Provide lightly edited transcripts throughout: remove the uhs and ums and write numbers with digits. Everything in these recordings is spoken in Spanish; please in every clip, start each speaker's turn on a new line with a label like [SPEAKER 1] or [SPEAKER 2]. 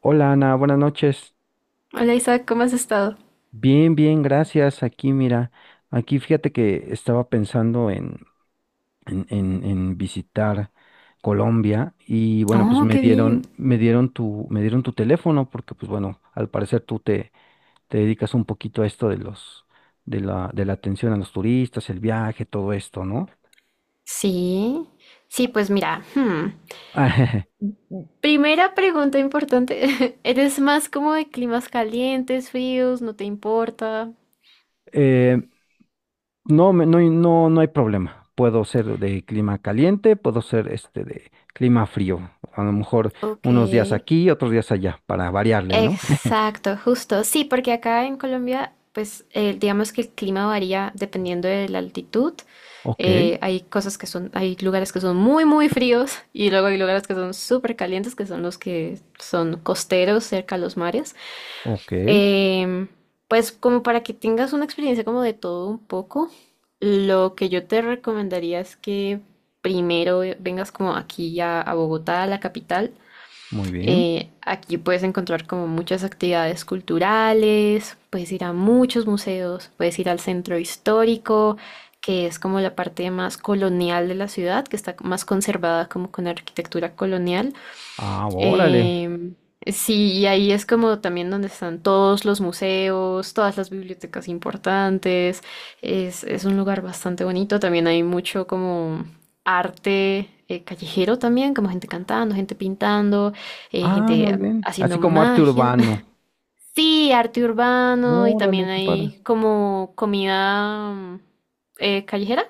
[SPEAKER 1] Hola Ana, buenas noches.
[SPEAKER 2] Hola Isaac, ¿cómo has estado?
[SPEAKER 1] Bien, bien, gracias. Aquí, mira, aquí fíjate que estaba pensando en, en visitar Colombia y bueno, pues
[SPEAKER 2] Oh, qué bien.
[SPEAKER 1] me dieron tu teléfono porque pues bueno, al parecer te dedicas un poquito a esto de los, de la atención a los turistas, el viaje, todo esto, ¿no?
[SPEAKER 2] Sí, sí, pues mira, hmm, primera pregunta importante. ¿Eres más como de climas calientes, fríos? ¿No te importa?
[SPEAKER 1] Eh, No, no, no, no hay problema. Puedo ser de clima caliente, puedo ser este de clima frío. A lo mejor
[SPEAKER 2] Ok,
[SPEAKER 1] unos días aquí, otros días allá, para variarle, ¿no?
[SPEAKER 2] exacto, justo. Sí, porque acá en Colombia, pues digamos que el clima varía dependiendo de la altitud.
[SPEAKER 1] Ok,
[SPEAKER 2] Hay cosas que son, hay lugares que son muy, muy fríos y luego hay lugares que son súper calientes, que son los que son costeros cerca a los mares.
[SPEAKER 1] ok,
[SPEAKER 2] Em, pues como para que tengas una experiencia como de todo un poco, lo que yo te recomendaría es que primero vengas como aquí a Bogotá, a la capital.
[SPEAKER 1] muy bien.
[SPEAKER 2] Aquí puedes encontrar como muchas actividades culturales, puedes ir a muchos museos, puedes ir al centro histórico, que es como la parte más colonial de la ciudad, que está más conservada como con arquitectura colonial.
[SPEAKER 1] Ah, órale.
[SPEAKER 2] Em, sí, y ahí es como también donde están todos los museos, todas las bibliotecas importantes. Es un lugar bastante bonito. También hay mucho como arte callejero también, como gente cantando, gente pintando,
[SPEAKER 1] Ah, muy
[SPEAKER 2] gente
[SPEAKER 1] bien. Así
[SPEAKER 2] haciendo
[SPEAKER 1] como arte
[SPEAKER 2] magia.
[SPEAKER 1] urbano.
[SPEAKER 2] Sí, arte urbano y también
[SPEAKER 1] Órale, qué padre.
[SPEAKER 2] hay como comida callejera,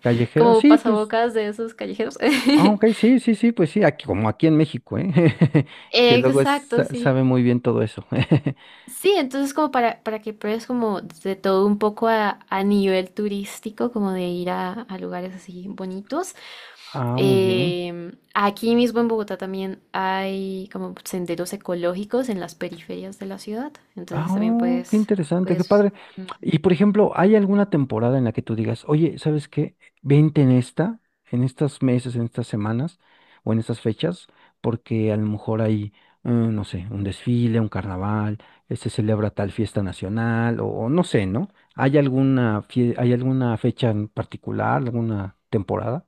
[SPEAKER 1] Callejero,
[SPEAKER 2] como
[SPEAKER 1] sí, pues.
[SPEAKER 2] pasabocas de esos callejeros.
[SPEAKER 1] Ah, ok, sí, sí, sí, pues sí, aquí, como aquí en México, ¿eh? Que luego
[SPEAKER 2] Exacto, sí.
[SPEAKER 1] sabe muy bien todo eso.
[SPEAKER 2] Sí, entonces como para que pruebes como de todo un poco a nivel turístico, como de ir a lugares así bonitos.
[SPEAKER 1] Ah, muy bien.
[SPEAKER 2] Aquí mismo en Bogotá también hay como senderos ecológicos en las periferias de la ciudad,
[SPEAKER 1] Ah,
[SPEAKER 2] entonces también
[SPEAKER 1] oh, qué
[SPEAKER 2] puedes,
[SPEAKER 1] interesante, qué
[SPEAKER 2] puedes
[SPEAKER 1] padre.
[SPEAKER 2] mm.
[SPEAKER 1] Y por ejemplo, ¿hay alguna temporada en la que tú digas, oye, ¿sabes qué? Vente en esta, en estos meses, en estas semanas o en estas fechas, porque a lo mejor hay, no sé, un desfile, un carnaval, se celebra tal fiesta nacional o no sé, ¿no? ¿Hay alguna, hay alguna fecha en particular, alguna temporada?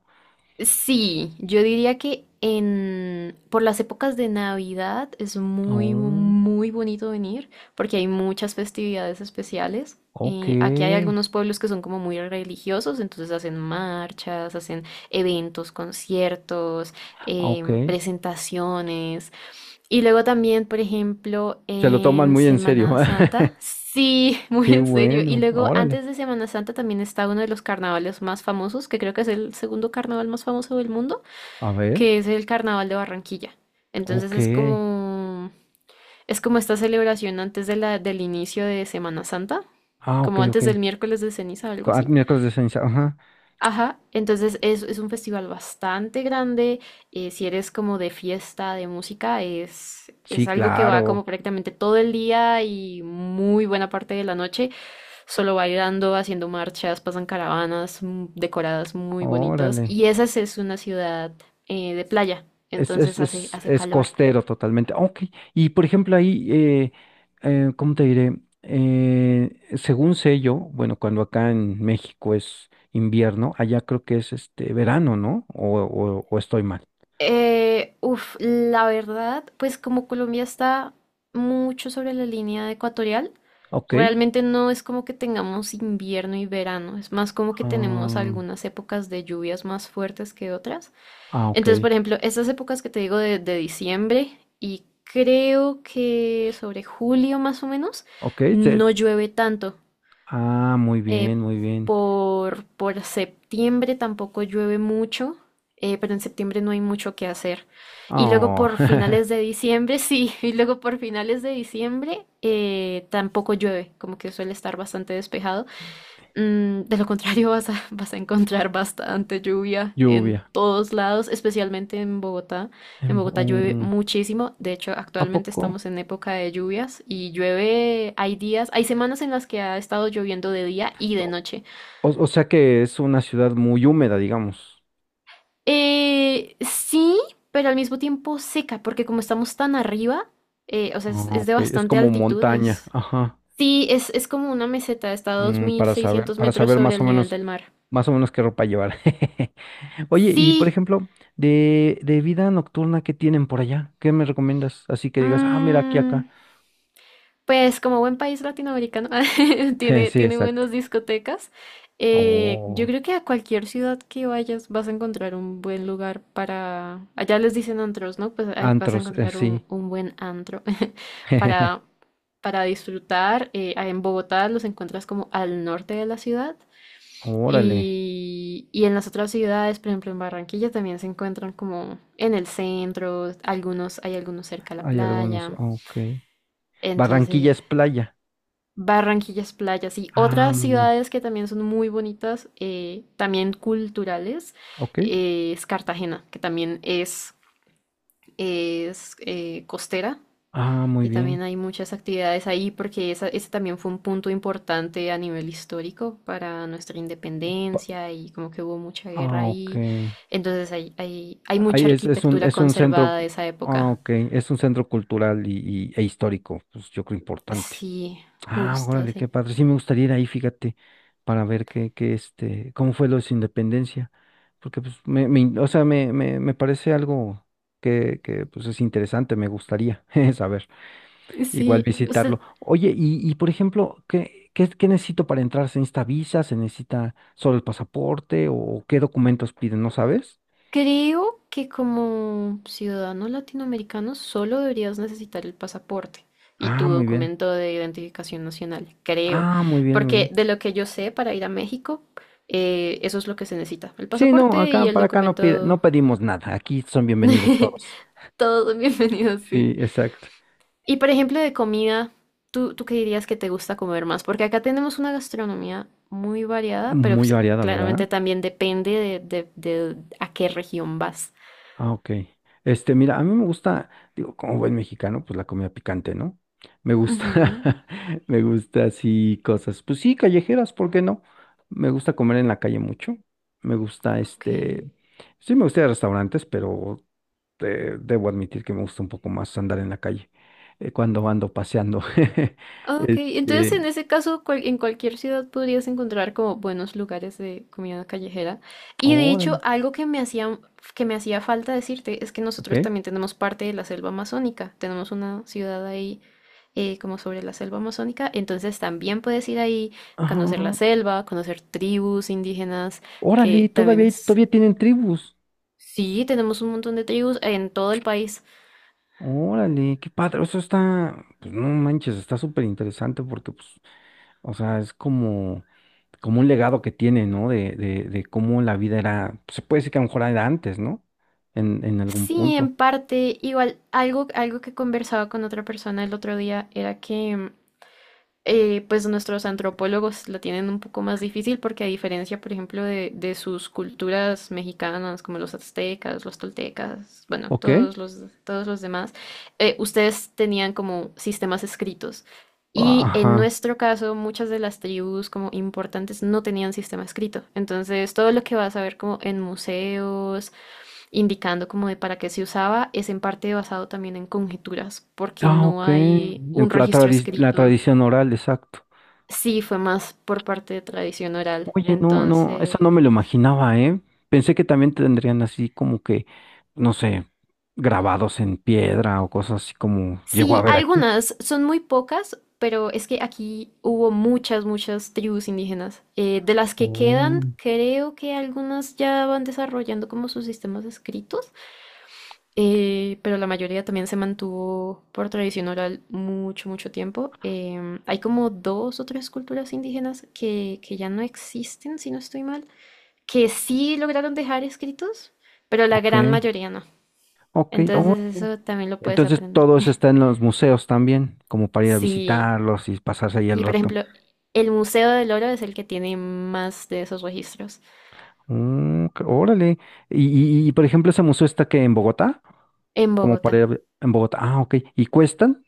[SPEAKER 2] Sí, yo diría que en por las épocas de Navidad es
[SPEAKER 1] Oh,
[SPEAKER 2] muy bonito venir porque hay muchas festividades especiales.
[SPEAKER 1] ok,
[SPEAKER 2] Aquí hay algunos pueblos que son como muy religiosos, entonces hacen marchas, hacen eventos, conciertos,
[SPEAKER 1] ok.
[SPEAKER 2] presentaciones. Y luego también, por ejemplo,
[SPEAKER 1] Se lo toman
[SPEAKER 2] en
[SPEAKER 1] muy en serio.
[SPEAKER 2] Semana Santa. Sí, muy
[SPEAKER 1] Qué
[SPEAKER 2] en serio. Y
[SPEAKER 1] bueno,
[SPEAKER 2] luego,
[SPEAKER 1] órale.
[SPEAKER 2] antes de Semana Santa, también está uno de los carnavales más famosos, que creo que es el segundo carnaval más famoso del mundo,
[SPEAKER 1] A ver.
[SPEAKER 2] que es el Carnaval de Barranquilla. Entonces
[SPEAKER 1] Ok.
[SPEAKER 2] es como esta celebración antes del inicio de Semana Santa,
[SPEAKER 1] Ah, ok,
[SPEAKER 2] como
[SPEAKER 1] ok.
[SPEAKER 2] antes del miércoles de ceniza, algo
[SPEAKER 1] Ah,
[SPEAKER 2] así.
[SPEAKER 1] miércoles de ceniza, ajá.
[SPEAKER 2] Ajá, entonces es un festival bastante grande. Si eres como de fiesta, de música, es,
[SPEAKER 1] Sí,
[SPEAKER 2] es algo que va
[SPEAKER 1] claro.
[SPEAKER 2] como prácticamente todo el día y muy buena parte de la noche, solo bailando, haciendo marchas, pasan caravanas decoradas muy bonitas.
[SPEAKER 1] Órale.
[SPEAKER 2] Y esa sí es una ciudad de playa,
[SPEAKER 1] Es, es,
[SPEAKER 2] entonces hace,
[SPEAKER 1] es,
[SPEAKER 2] hace
[SPEAKER 1] es
[SPEAKER 2] calor.
[SPEAKER 1] costero totalmente. Ah, ok. Y por ejemplo, ahí,
[SPEAKER 2] Sí.
[SPEAKER 1] ¿cómo te diré? Según sé yo, bueno, cuando acá en México es invierno, allá creo que es este verano, ¿no? O estoy mal.
[SPEAKER 2] La verdad, pues como Colombia está mucho sobre la línea ecuatorial,
[SPEAKER 1] Ok.
[SPEAKER 2] realmente no es como que tengamos invierno y verano, es más como que tenemos
[SPEAKER 1] Ah,
[SPEAKER 2] algunas épocas de lluvias más fuertes que otras.
[SPEAKER 1] ah, ok.
[SPEAKER 2] Entonces, por ejemplo, estas épocas que te digo de diciembre y creo que sobre julio más o menos,
[SPEAKER 1] Ok.
[SPEAKER 2] no llueve tanto.
[SPEAKER 1] Ah, muy
[SPEAKER 2] Eh,
[SPEAKER 1] bien, muy bien.
[SPEAKER 2] por septiembre tampoco llueve mucho, pero en septiembre no hay mucho que hacer. Y luego
[SPEAKER 1] Oh,
[SPEAKER 2] por finales de diciembre, sí, y luego por finales de diciembre tampoco llueve, como que suele estar bastante despejado. Mm, de lo contrario, vas a encontrar bastante lluvia en
[SPEAKER 1] lluvia.
[SPEAKER 2] todos lados, especialmente en Bogotá. En
[SPEAKER 1] Em,
[SPEAKER 2] Bogotá llueve
[SPEAKER 1] um,
[SPEAKER 2] muchísimo. De hecho,
[SPEAKER 1] ¿A
[SPEAKER 2] actualmente
[SPEAKER 1] poco?
[SPEAKER 2] estamos en época de lluvias y llueve, hay días, hay semanas en las que ha estado lloviendo de día y de noche.
[SPEAKER 1] O, o sea que es una ciudad muy húmeda, digamos.
[SPEAKER 2] Sí, pero al mismo tiempo seca, porque como estamos tan arriba, o sea, es,
[SPEAKER 1] Ah,
[SPEAKER 2] es de
[SPEAKER 1] ok, es
[SPEAKER 2] bastante
[SPEAKER 1] como
[SPEAKER 2] altitud,
[SPEAKER 1] montaña,
[SPEAKER 2] es...
[SPEAKER 1] ajá.
[SPEAKER 2] Sí, es como una meseta, está a dos
[SPEAKER 1] Mm,
[SPEAKER 2] mil seiscientos
[SPEAKER 1] para
[SPEAKER 2] metros
[SPEAKER 1] saber
[SPEAKER 2] sobre el nivel del mar.
[SPEAKER 1] más o menos qué ropa llevar. Oye, y por
[SPEAKER 2] Sí.
[SPEAKER 1] ejemplo, de vida nocturna, ¿qué tienen por allá? ¿Qué me recomiendas? Así que digas, ah, mira, aquí,
[SPEAKER 2] Mm.
[SPEAKER 1] acá.
[SPEAKER 2] Pues como buen país latinoamericano tiene,
[SPEAKER 1] Sí,
[SPEAKER 2] tiene
[SPEAKER 1] exacto.
[SPEAKER 2] buenas discotecas. Yo
[SPEAKER 1] Oh,
[SPEAKER 2] creo que a cualquier ciudad que vayas vas a encontrar un buen lugar para... Allá les dicen antros, ¿no? Pues ahí vas a
[SPEAKER 1] antros,
[SPEAKER 2] encontrar un,
[SPEAKER 1] sí.
[SPEAKER 2] un buen antro para, para disfrutar. En Bogotá los encuentras como al norte de la ciudad
[SPEAKER 1] Órale,
[SPEAKER 2] y en las otras ciudades, por ejemplo en Barranquilla también se encuentran como en el centro, algunos, hay algunos cerca a la
[SPEAKER 1] hay algunos,
[SPEAKER 2] playa.
[SPEAKER 1] ok. Barranquilla
[SPEAKER 2] Entonces,
[SPEAKER 1] es playa.
[SPEAKER 2] Barranquilla es playa, sí.
[SPEAKER 1] Ah,
[SPEAKER 2] Otras
[SPEAKER 1] muy bien.
[SPEAKER 2] ciudades que también son muy bonitas, también culturales,
[SPEAKER 1] Ok.
[SPEAKER 2] es Cartagena, que también es costera
[SPEAKER 1] Ah, muy
[SPEAKER 2] y también
[SPEAKER 1] bien.
[SPEAKER 2] hay muchas actividades ahí porque esa, ese también fue un punto importante a nivel histórico para nuestra
[SPEAKER 1] Pa-
[SPEAKER 2] independencia y como que hubo mucha guerra
[SPEAKER 1] Ah, ok.
[SPEAKER 2] ahí. Entonces hay mucha
[SPEAKER 1] Ahí es,
[SPEAKER 2] arquitectura
[SPEAKER 1] es un centro,
[SPEAKER 2] conservada de esa
[SPEAKER 1] ah,
[SPEAKER 2] época.
[SPEAKER 1] ok, es un centro cultural y, e histórico, pues yo creo importante.
[SPEAKER 2] Sí,
[SPEAKER 1] Ah,
[SPEAKER 2] justo,
[SPEAKER 1] órale,
[SPEAKER 2] sí.
[SPEAKER 1] qué padre. Sí me gustaría ir ahí, fíjate, para ver qué, qué este, cómo fue lo de su independencia. Porque pues o sea, me parece algo que pues es interesante, me gustaría saber. Igual
[SPEAKER 2] Sí,
[SPEAKER 1] visitarlo.
[SPEAKER 2] usted.
[SPEAKER 1] Oye, y por ejemplo, ¿qué necesito para entrar? ¿Se necesita visa? ¿Se necesita solo el pasaporte? ¿O qué documentos piden? ¿No sabes?
[SPEAKER 2] Creo que como ciudadano latinoamericano solo deberías necesitar el pasaporte y tu
[SPEAKER 1] Ah, muy bien.
[SPEAKER 2] documento de identificación nacional, creo,
[SPEAKER 1] Ah, muy bien, muy
[SPEAKER 2] porque
[SPEAKER 1] bien.
[SPEAKER 2] de lo que yo sé para ir a México, eso es lo que se necesita, el
[SPEAKER 1] Sí, no,
[SPEAKER 2] pasaporte y
[SPEAKER 1] acá
[SPEAKER 2] el
[SPEAKER 1] para acá no,
[SPEAKER 2] documento.
[SPEAKER 1] no pedimos nada. Aquí son bienvenidos todos.
[SPEAKER 2] Todo bienvenidos,
[SPEAKER 1] Sí,
[SPEAKER 2] sí.
[SPEAKER 1] exacto.
[SPEAKER 2] Y por ejemplo de comida, ¿tú qué dirías que te gusta comer más? Porque acá tenemos una gastronomía muy variada, pero
[SPEAKER 1] Muy
[SPEAKER 2] pues,
[SPEAKER 1] variada, ¿verdad?
[SPEAKER 2] claramente también depende de a qué región vas.
[SPEAKER 1] Ah, ok. Este, mira, a mí me gusta, digo, como buen mexicano, pues la comida picante, ¿no? Me gusta,
[SPEAKER 2] Ujú.
[SPEAKER 1] me gusta así cosas, pues sí, callejeras, ¿por qué no? Me gusta comer en la calle mucho. Me gusta,
[SPEAKER 2] Ok.
[SPEAKER 1] este, sí, me gusta ir a restaurantes, pero debo admitir que me gusta un poco más andar en la calle cuando ando paseando.
[SPEAKER 2] Ok, entonces
[SPEAKER 1] Este,
[SPEAKER 2] en ese caso en cualquier ciudad podrías encontrar como buenos lugares de comida callejera. Y de hecho,
[SPEAKER 1] órale,
[SPEAKER 2] algo que me hacía falta decirte es que
[SPEAKER 1] ok.
[SPEAKER 2] nosotros también tenemos parte de la selva amazónica. Tenemos una ciudad ahí como sobre la selva amazónica. Entonces también puedes ir ahí,
[SPEAKER 1] Ajá.
[SPEAKER 2] conocer la selva, conocer tribus indígenas,
[SPEAKER 1] Órale,
[SPEAKER 2] que también
[SPEAKER 1] todavía,
[SPEAKER 2] es...
[SPEAKER 1] todavía tienen tribus.
[SPEAKER 2] Sí, tenemos un montón de tribus en todo el país.
[SPEAKER 1] Órale, qué padre. Eso está, pues no manches, está súper interesante porque, pues, o sea, es como, como un legado que tiene, ¿no? De cómo la vida era, se puede decir que a lo mejor era antes, ¿no? En algún
[SPEAKER 2] Sí,
[SPEAKER 1] punto.
[SPEAKER 2] en parte, igual algo que conversaba con otra persona el otro día era que pues nuestros antropólogos la tienen un poco más difícil porque a diferencia, por ejemplo, de sus culturas mexicanas como los aztecas, los toltecas, bueno,
[SPEAKER 1] Ok.
[SPEAKER 2] todos los demás, ustedes tenían como sistemas escritos. Y en
[SPEAKER 1] Ajá.
[SPEAKER 2] nuestro caso, muchas de las tribus como importantes no tenían sistema escrito. Entonces, todo lo que vas a ver como en museos, indicando como de para qué se usaba, es en parte basado también en conjeturas, porque
[SPEAKER 1] Ah,
[SPEAKER 2] no
[SPEAKER 1] ok.
[SPEAKER 2] hay
[SPEAKER 1] En
[SPEAKER 2] un
[SPEAKER 1] la
[SPEAKER 2] registro
[SPEAKER 1] la
[SPEAKER 2] escrito.
[SPEAKER 1] tradición oral, exacto.
[SPEAKER 2] Sí, fue más por parte de tradición oral.
[SPEAKER 1] Oye, no, no, eso no me lo
[SPEAKER 2] Entonces,
[SPEAKER 1] imaginaba, ¿eh? Pensé que también tendrían así como que, no sé, grabados en piedra o cosas así como llegó a
[SPEAKER 2] sí,
[SPEAKER 1] ver aquí.
[SPEAKER 2] algunas son muy pocas, pero es que aquí hubo muchas, muchas tribus indígenas. De las que quedan,
[SPEAKER 1] Oh,
[SPEAKER 2] creo que algunas ya van desarrollando como sus sistemas escritos. Pero la mayoría también se mantuvo por tradición oral mucho, mucho tiempo. Hay como dos o tres culturas indígenas que ya no existen, si no estoy mal, que sí lograron dejar escritos, pero la
[SPEAKER 1] ok,
[SPEAKER 2] gran mayoría no.
[SPEAKER 1] ok. Oh,
[SPEAKER 2] Entonces
[SPEAKER 1] ok.
[SPEAKER 2] eso también lo puedes
[SPEAKER 1] Entonces
[SPEAKER 2] aprender.
[SPEAKER 1] todo eso está en los museos también, como para ir a
[SPEAKER 2] Sí,
[SPEAKER 1] visitarlos y pasarse ahí el
[SPEAKER 2] sí, por
[SPEAKER 1] rato.
[SPEAKER 2] ejemplo, el Museo del Oro es el que tiene más de esos registros
[SPEAKER 1] Mm, órale. Por ejemplo, ese museo está que en Bogotá,
[SPEAKER 2] en
[SPEAKER 1] como para
[SPEAKER 2] Bogotá.
[SPEAKER 1] en Bogotá. Ah, ok. ¿Y cuestan?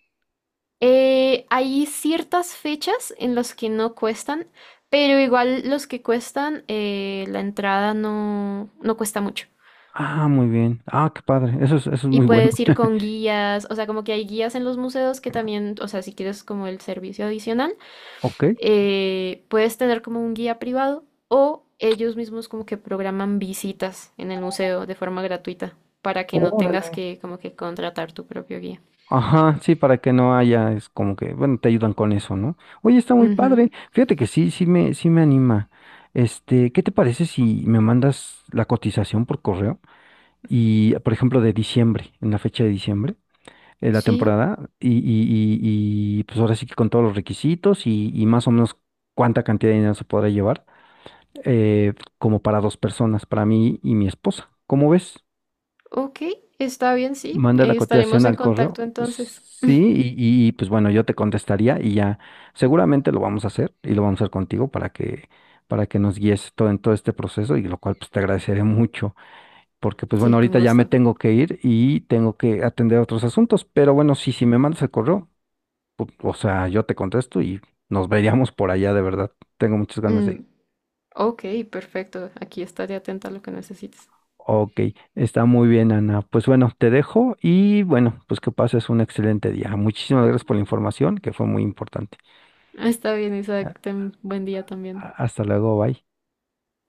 [SPEAKER 2] Hay ciertas fechas en las que no cuestan, pero igual los que cuestan, la entrada no, no cuesta mucho.
[SPEAKER 1] Ah, muy bien. Ah, qué padre. Eso es
[SPEAKER 2] Y
[SPEAKER 1] muy bueno.
[SPEAKER 2] puedes ir con guías, o sea, como que hay guías en los museos que también, o sea, si quieres como el servicio adicional,
[SPEAKER 1] Ok.
[SPEAKER 2] puedes tener como un guía privado o ellos mismos como que programan visitas en el museo de forma gratuita para que no
[SPEAKER 1] Órale.
[SPEAKER 2] tengas que como que contratar tu propio guía.
[SPEAKER 1] Ajá, sí, para que no haya, es como que, bueno, te ayudan con eso, ¿no? Oye, está muy padre.
[SPEAKER 2] Ujú.
[SPEAKER 1] Fíjate que sí, sí me anima. Este, ¿qué te parece si me mandas la cotización por correo? Y, por ejemplo, de diciembre, en la fecha de diciembre, la
[SPEAKER 2] Sí.
[SPEAKER 1] temporada, pues ahora sí que con todos los requisitos y más o menos cuánta cantidad de dinero se podrá llevar, eh, como para dos personas, para mí y mi esposa. ¿Cómo ves?
[SPEAKER 2] Ok, está bien, sí.
[SPEAKER 1] Manda la
[SPEAKER 2] Estaremos
[SPEAKER 1] cotización
[SPEAKER 2] en
[SPEAKER 1] al correo.
[SPEAKER 2] contacto entonces.
[SPEAKER 1] Sí, y, pues bueno, yo te contestaría y ya seguramente lo vamos a hacer y lo vamos a hacer contigo para que nos guíes todo en todo este proceso y lo cual pues te agradeceré mucho porque pues
[SPEAKER 2] Sí,
[SPEAKER 1] bueno,
[SPEAKER 2] con
[SPEAKER 1] ahorita ya me
[SPEAKER 2] gusto.
[SPEAKER 1] tengo que ir y tengo que atender otros asuntos, pero bueno, sí, si me mandas el correo, o sea, yo te contesto y nos veríamos por allá de verdad. Tengo muchas ganas de ir.
[SPEAKER 2] Mm, ok, perfecto. Aquí estaré atenta a lo que necesites.
[SPEAKER 1] Ok, está muy bien, Ana. Pues bueno, te dejo y bueno, pues que pases un excelente día. Muchísimas gracias por la información, que fue muy importante.
[SPEAKER 2] Está bien,
[SPEAKER 1] A-
[SPEAKER 2] Isaac. Ten buen día también.
[SPEAKER 1] Hasta luego, bye.